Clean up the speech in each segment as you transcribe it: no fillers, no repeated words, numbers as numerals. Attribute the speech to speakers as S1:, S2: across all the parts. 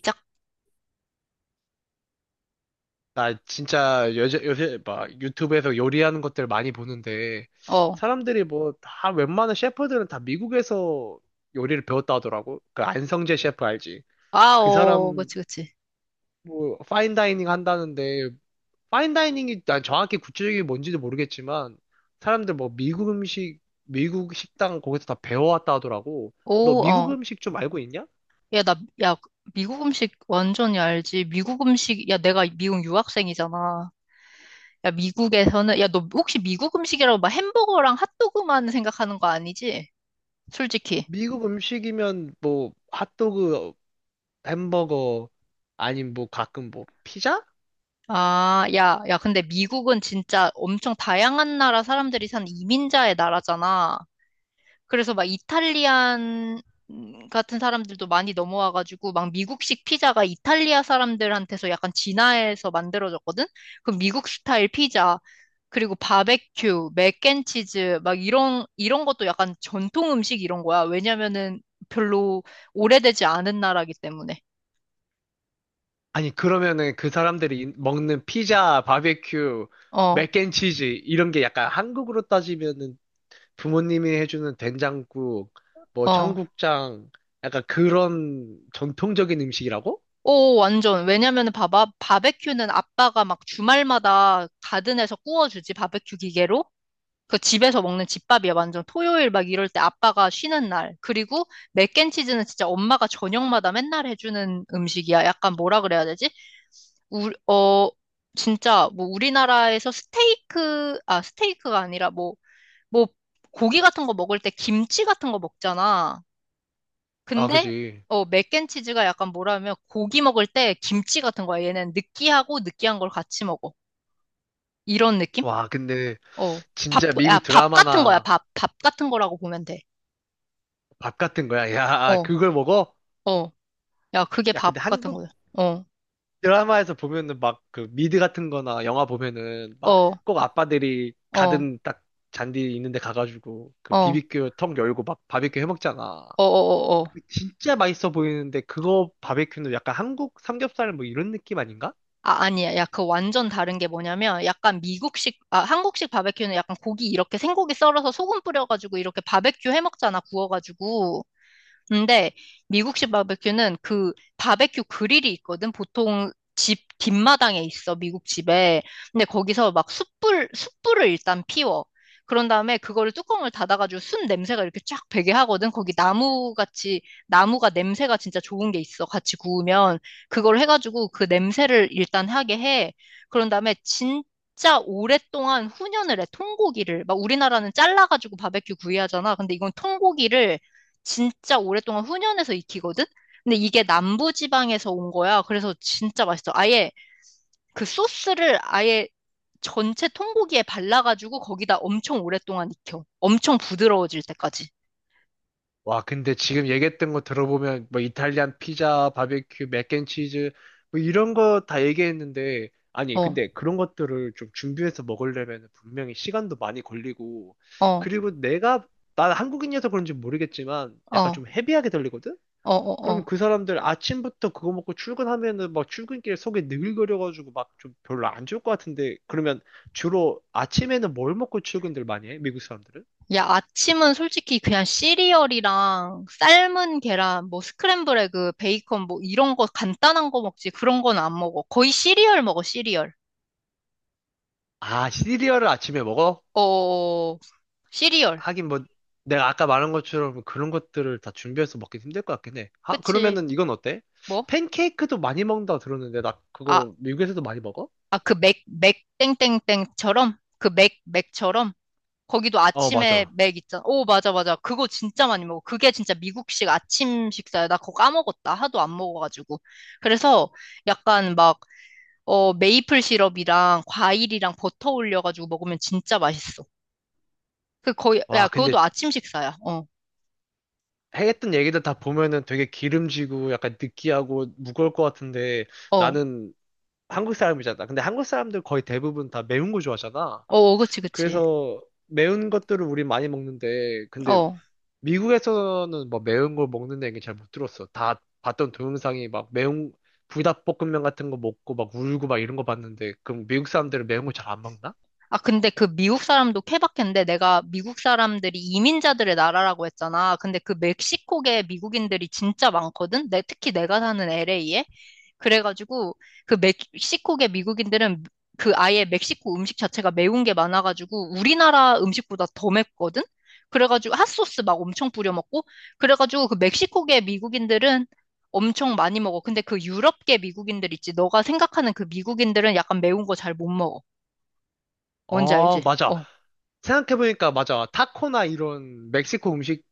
S1: 짝,
S2: 나 진짜 요새, 요새 막 유튜브에서 요리하는 것들 많이 보는데
S1: 어.
S2: 사람들이 뭐 다 웬만한 셰프들은 다 미국에서 요리를 배웠다 하더라고. 그 안성재 셰프 알지?
S1: 아,
S2: 그
S1: 어.
S2: 사람
S1: 그치, 그치.
S2: 뭐 파인다이닝 한다는데 파인다이닝이 난 정확히 구체적인 뭔지도 모르겠지만 사람들 뭐 미국 음식, 미국 식당 거기서 다 배워왔다 하더라고. 너
S1: 오,
S2: 미국
S1: 어.
S2: 음식 좀 알고 있냐?
S1: 야, 나, 야, 미국 음식 완전히 알지. 미국 음식, 야, 내가 미국 유학생이잖아. 야, 미국에서는, 야, 너 혹시 미국 음식이라고 막 햄버거랑 핫도그만 생각하는 거 아니지? 솔직히.
S2: 미국 음식이면 뭐 핫도그, 햄버거 아니면 뭐 가끔 뭐 피자?
S1: 아, 야, 야, 근데 미국은 진짜 엄청 다양한 나라 사람들이 사는 이민자의 나라잖아. 그래서 막 이탈리안 같은 사람들도 많이 넘어와가지고 막 미국식 피자가 이탈리아 사람들한테서 약간 진화해서 만들어졌거든? 그 미국 스타일 피자, 그리고 바베큐, 맥앤치즈 막 이런 것도 약간 전통 음식 이런 거야. 왜냐면은 별로 오래되지 않은 나라기 때문에.
S2: 아니, 그러면은 그 사람들이 먹는 피자, 바베큐,
S1: 어,
S2: 맥앤치즈, 이런 게 약간 한국으로 따지면은 부모님이 해주는 된장국, 뭐
S1: 어.
S2: 청국장, 약간 그런 전통적인 음식이라고?
S1: 오, 완전. 왜냐면은 봐봐. 바베큐는 아빠가 막 주말마다 가든에서 구워주지, 바베큐 기계로. 그 집에서 먹는 집밥이야, 완전. 토요일 막 이럴 때 아빠가 쉬는 날. 그리고 맥앤치즈는 진짜 엄마가 저녁마다 맨날 해주는 음식이야. 약간 뭐라 그래야 되지? 우, 어, 진짜 뭐 우리나라에서 스테이크, 아, 스테이크가 아니라 뭐, 뭐, 고기 같은 거 먹을 때 김치 같은 거 먹잖아.
S2: 아,
S1: 근데,
S2: 그지.
S1: 어, 맥앤치즈가 약간 뭐라 하면 고기 먹을 때 김치 같은 거야. 얘는 느끼하고 느끼한 걸 같이 먹어. 이런 느낌?
S2: 와, 근데
S1: 어, 밥,
S2: 진짜
S1: 야,
S2: 미국
S1: 밥 같은 거야,
S2: 드라마나
S1: 밥. 밥 같은 거라고 보면 돼.
S2: 밥 같은 거야. 야,
S1: 어,
S2: 그걸 먹어?
S1: 어. 야, 그게
S2: 야,
S1: 밥
S2: 근데
S1: 같은
S2: 한국
S1: 거야. 어,
S2: 드라마에서 보면은 막 그 미드 같은 거나 영화 보면은 막
S1: 어,
S2: 꼭 아빠들이
S1: 어, 어,
S2: 가든 딱 잔디 있는데 가가지고 그
S1: 어,
S2: 비비큐 턱 열고 막 바비큐 해 먹잖아.
S1: 어, 어. 어.
S2: 진짜 맛있어 보이는데 그거 바비큐는 약간 한국 삼겹살 뭐 이런 느낌 아닌가?
S1: 아, 아니야. 야, 그 완전 다른 게 뭐냐면, 약간 미국식, 아, 한국식 바베큐는 약간 고기 이렇게 생고기 썰어서 소금 뿌려가지고 이렇게 바베큐 해 먹잖아, 구워가지고. 근데 미국식 바베큐는 그 바베큐 그릴이 있거든. 보통 집 뒷마당에 있어, 미국 집에. 근데 거기서 막 숯불, 숯불을 일단 피워. 그런 다음에 그거를 뚜껑을 닫아가지고 순 냄새가 이렇게 쫙 배게 하거든. 거기 나무 같이, 나무가 냄새가 진짜 좋은 게 있어. 같이 구우면. 그걸 해가지고 그 냄새를 일단 하게 해. 그런 다음에 진짜 오랫동안 훈연을 해. 통고기를. 막 우리나라는 잘라가지고 바베큐 구이 하잖아. 근데 이건 통고기를 진짜 오랫동안 훈연해서 익히거든? 근데 이게 남부 지방에서 온 거야. 그래서 진짜 맛있어. 아예 그 소스를 아예 전체 통고기에 발라가지고 거기다 엄청 오랫동안 익혀. 엄청 부드러워질 때까지.
S2: 와, 근데 지금 얘기했던 거 들어보면 뭐 이탈리안 피자, 바베큐, 맥앤치즈 뭐 이런 거 다 얘기했는데 아니,
S1: 어,
S2: 근데 그런 것들을 좀 준비해서 먹으려면 분명히 시간도 많이 걸리고
S1: 어,
S2: 그리고 내가 난 한국인이어서 그런지 모르겠지만 약간
S1: 어,
S2: 좀 헤비하게 들리거든?
S1: 어, 어,
S2: 그러면
S1: 어.
S2: 그 사람들 아침부터 그거 먹고 출근하면은 막 출근길 속에 느글거려가지고 막 좀 별로 안 좋을 것 같은데 그러면 주로 아침에는 뭘 먹고 출근들 많이 해? 미국 사람들은?
S1: 야, 아침은 솔직히 그냥 시리얼이랑 삶은 계란, 뭐 스크램블 에그, 베이컨 뭐 이런 거 간단한 거 먹지. 그런 건 안 먹어. 거의 시리얼 먹어, 시리얼.
S2: 아, 시리얼을 아침에 먹어?
S1: 어, 시리얼.
S2: 하긴 뭐 내가 아까 말한 것처럼 그런 것들을 다 준비해서 먹기 힘들 것 같긴 해. 아,
S1: 그치.
S2: 그러면은 이건 어때?
S1: 뭐?
S2: 팬케이크도 많이 먹는다 들었는데 나
S1: 아,
S2: 그거 미국에서도 많이 먹어?
S1: 아, 그 맥, 맥, 땡땡땡처럼? 그 맥, 맥처럼? 거기도
S2: 어,
S1: 아침에
S2: 맞아.
S1: 맥 있잖아. 오, 맞아, 맞아. 그거 진짜 많이 먹어. 그게 진짜 미국식 아침 식사야. 나 그거 까먹었다. 하도 안 먹어가지고. 그래서 약간 막, 어, 메이플 시럽이랑 과일이랑 버터 올려가지고 먹으면 진짜 맛있어. 그 거의,
S2: 와,
S1: 야,
S2: 근데
S1: 그것도 아침 식사야. 어,
S2: 했던 얘기들 다 보면은 되게 기름지고 약간 느끼하고 무거울 것 같은데
S1: 어,
S2: 나는 한국 사람이잖아. 근데 한국 사람들 거의 대부분 다 매운 거 좋아하잖아.
S1: 어, 그치, 그치.
S2: 그래서 매운 것들을 우리 많이 먹는데 근데
S1: 어.
S2: 미국에서는 뭐 매운 걸 먹는 얘기 잘 못 들었어. 다 봤던 동영상이 막 매운 불닭볶음면 같은 거 먹고 막 울고 막 이런 거 봤는데 그럼 미국 사람들은 매운 거 잘 안 먹나?
S1: 아, 근데 그 미국 사람도 케바케인데 내가 미국 사람들이 이민자들의 나라라고 했잖아. 근데 그 멕시코계 미국인들이 진짜 많거든? 내, 특히 내가 사는 LA에. 그래가지고 그 멕시코계 미국인들은 그 아예 멕시코 음식 자체가 매운 게 많아가지고 우리나라 음식보다 더 맵거든? 그래가지고 핫소스 막 엄청 뿌려 먹고. 그래가지고 그 멕시코계 미국인들은 엄청 많이 먹어. 근데 그 유럽계 미국인들 있지. 너가 생각하는 그 미국인들은 약간 매운 거 잘 못 먹어. 뭔지 알지?
S2: 아, 맞아.
S1: 어.
S2: 생각해보니까 맞아. 타코나 이런 멕시코 음식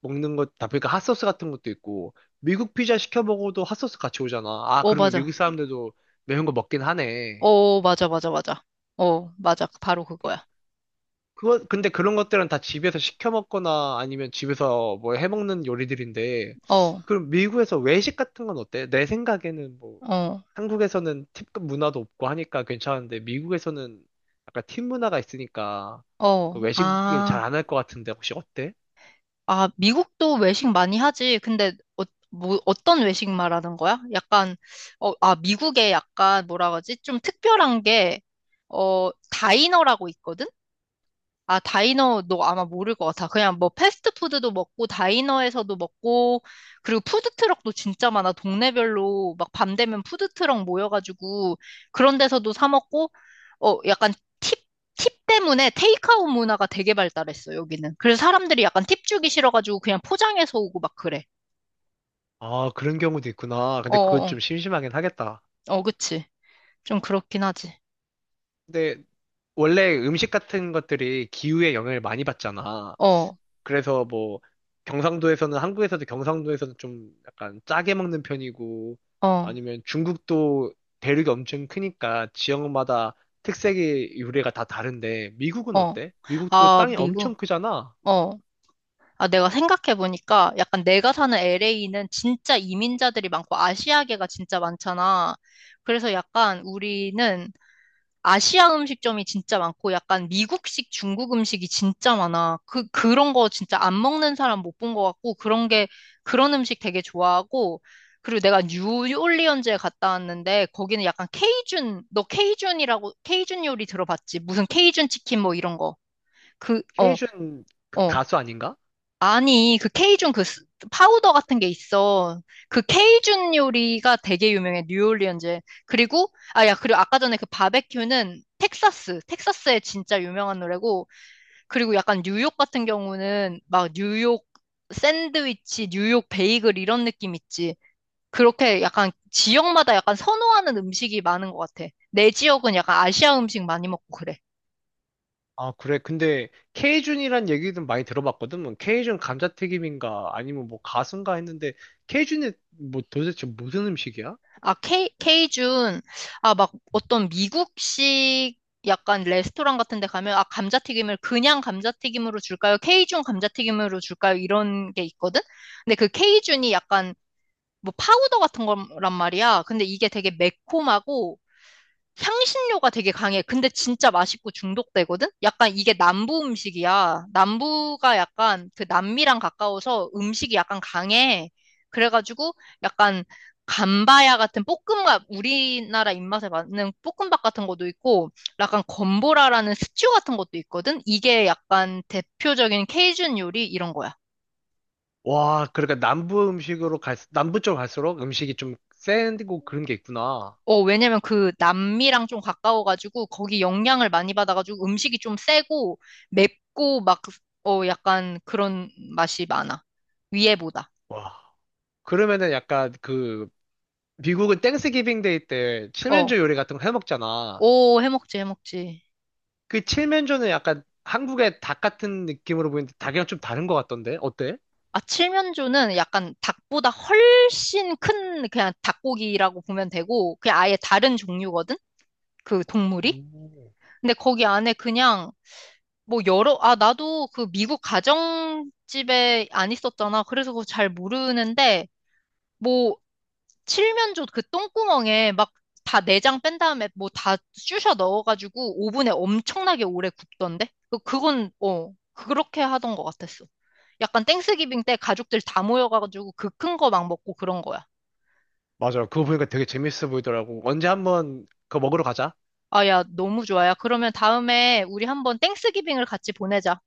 S2: 먹는 것 다 보니까 핫소스 같은 것도 있고 미국 피자 시켜 먹어도 핫소스 같이 오잖아. 아,
S1: 어,
S2: 그러면 미국
S1: 맞아.
S2: 사람들도 매운 거 먹긴
S1: 어,
S2: 하네.
S1: 어, 맞아, 맞아, 맞아. 어, 맞아. 바로 그거야.
S2: 그거, 근데 그런 것들은 다 집에서 시켜 먹거나 아니면 집에서 뭐 해 먹는 요리들인데,
S1: 어,
S2: 그럼 미국에서 외식 같은 건 어때? 내 생각에는 뭐,
S1: 어,
S2: 한국에서는 팁 문화도 없고 하니까 괜찮은데, 미국에서는 약간 팁 문화가 있으니까,
S1: 어.
S2: 그 외식을 잘
S1: 아,
S2: 안 할 것 같은데, 혹시 어때?
S1: 아, 미국도 외식 많이 하지. 근데, 어, 뭐, 어떤 외식 말하는 거야? 약간, 어, 아, 미국에 약간, 뭐라 그러지? 좀 특별한 게, 어, 다이너라고 있거든? 아, 다이너 너 아마 모를 것 같아. 그냥 뭐 패스트푸드도 먹고 다이너에서도 먹고 그리고 푸드트럭도 진짜 많아. 동네별로 막 밤 되면 푸드트럭 모여가지고 그런 데서도 사 먹고 어 약간 팁, 팁 때문에 테이크아웃 문화가 되게 발달했어 여기는. 그래서 사람들이 약간 팁 주기 싫어가지고 그냥 포장해서 오고 막 그래.
S2: 아, 그런 경우도 있구나.
S1: 어,
S2: 근데 그거
S1: 어,
S2: 좀 심심하긴 하겠다.
S1: 어, 어, 그치. 좀 그렇긴 하지.
S2: 근데 원래 음식 같은 것들이 기후에 영향을 많이 받잖아.
S1: 어,
S2: 그래서 뭐 경상도에서는 한국에서도 경상도에서는 좀 약간 짜게 먹는 편이고
S1: 어,
S2: 아니면 중국도 대륙이 엄청 크니까 지역마다 특색의 요리가 다 다른데 미국은
S1: 어.
S2: 어때? 미국도
S1: 아,
S2: 땅이 엄청
S1: 미국.
S2: 크잖아.
S1: 어. 아, 내가 생각해보니까 약간 내가 사는 LA는 진짜 이민자들이 많고 아시아계가 진짜 많잖아. 그래서 약간 우리는 아시아 음식점이 진짜 많고 약간 미국식 중국 음식이 진짜 많아. 그, 그런 거 진짜 안 먹는 사람 못 본 것 같고 그런 게, 그런 음식 되게 좋아하고 그리고 내가 뉴올리언즈에 갔다 왔는데 거기는 약간 케이준, 너 케이준이라고, 케이준 요리 들어봤지? 무슨 케이준 치킨 뭐 이런 거. 그, 어.
S2: 케이준 그
S1: 어,
S2: 가수 아닌가?
S1: 아니, 그 케이준 그 스- 파우더 같은 게 있어. 그 케이준 요리가 되게 유명해, 뉴올리언즈에. 그리고, 아, 야, 그리고 아까 전에 그 바베큐는 텍사스, 텍사스에 진짜 유명한 노래고, 그리고 약간 뉴욕 같은 경우는 막 뉴욕 샌드위치, 뉴욕 베이글 이런 느낌 있지. 그렇게 약간 지역마다 약간 선호하는 음식이 많은 것 같아. 내 지역은 약간 아시아 음식 많이 먹고 그래.
S2: 아, 그래. 근데 케이준이란 얘기도 많이 들어봤거든. 뭐 케이준 감자튀김인가 아니면 뭐 가수인가 했는데 케이준이 뭐 도대체 무슨 음식이야?
S1: 아, 케이, 케이준, 아, 막 어떤 미국식 약간 레스토랑 같은 데 가면, 아, 감자튀김을 그냥 감자튀김으로 줄까요? 케이준 감자튀김으로 줄까요? 이런 게 있거든? 근데 그 케이준이 약간 뭐 파우더 같은 거란 말이야. 근데 이게 되게 매콤하고, 향신료가 되게 강해. 근데 진짜 맛있고 중독되거든? 약간 이게 남부 음식이야. 남부가 약간 그 남미랑 가까워서 음식이 약간 강해. 그래가지고 약간 감바야 같은 볶음밥, 우리나라 입맛에 맞는 볶음밥 같은 것도 있고, 약간 건보라라는 스튜 같은 것도 있거든? 이게 약간 대표적인 케이준 요리 이런 거야.
S2: 와, 그러니까 남부 음식으로 갈, 남부 쪽 갈수록 음식이 좀 센고 그런 게 있구나.
S1: 어, 왜냐면 그 남미랑 좀 가까워가지고 거기 영향을 많이 받아가지고 음식이 좀 세고 맵고 막, 그, 어, 약간 그런 맛이 많아. 위에보다.
S2: 와. 그러면은 약간 그, 미국은 땡스기빙 데이 때
S1: 어,
S2: 칠면조 요리 같은 거 해 먹잖아.
S1: 오, 해먹지, 해먹지.
S2: 그 칠면조는 약간 한국의 닭 같은 느낌으로 보이는데 닭이랑 좀 다른 것 같던데? 어때?
S1: 아, 칠면조는 약간 닭보다 훨씬 큰 그냥 닭고기라고 보면 되고 그냥 아예 다른 종류거든? 그 동물이?
S2: 오.
S1: 근데 거기 안에 그냥 뭐 여러, 아, 나도 그 미국 가정집에 안 있었잖아. 그래서 그거 잘 모르는데 뭐 칠면조 그 똥구멍에 막 다 내장 뺀 다음에 뭐 다 쑤셔 넣어가지고 오븐에 엄청나게 오래 굽던데? 그- 그건, 어, 그렇게 하던 것 같았어. 약간 땡스기빙 때 가족들 다 모여가지고 그 큰 거 막 먹고 그런 거야.
S2: 맞아. 그거 보니까 되게 재밌어 보이더라고. 언제 한번 그거 먹으러 가자.
S1: 아, 야, 너무 좋아. 야, 그러면 다음에 우리 한번 땡스기빙을 같이 보내자.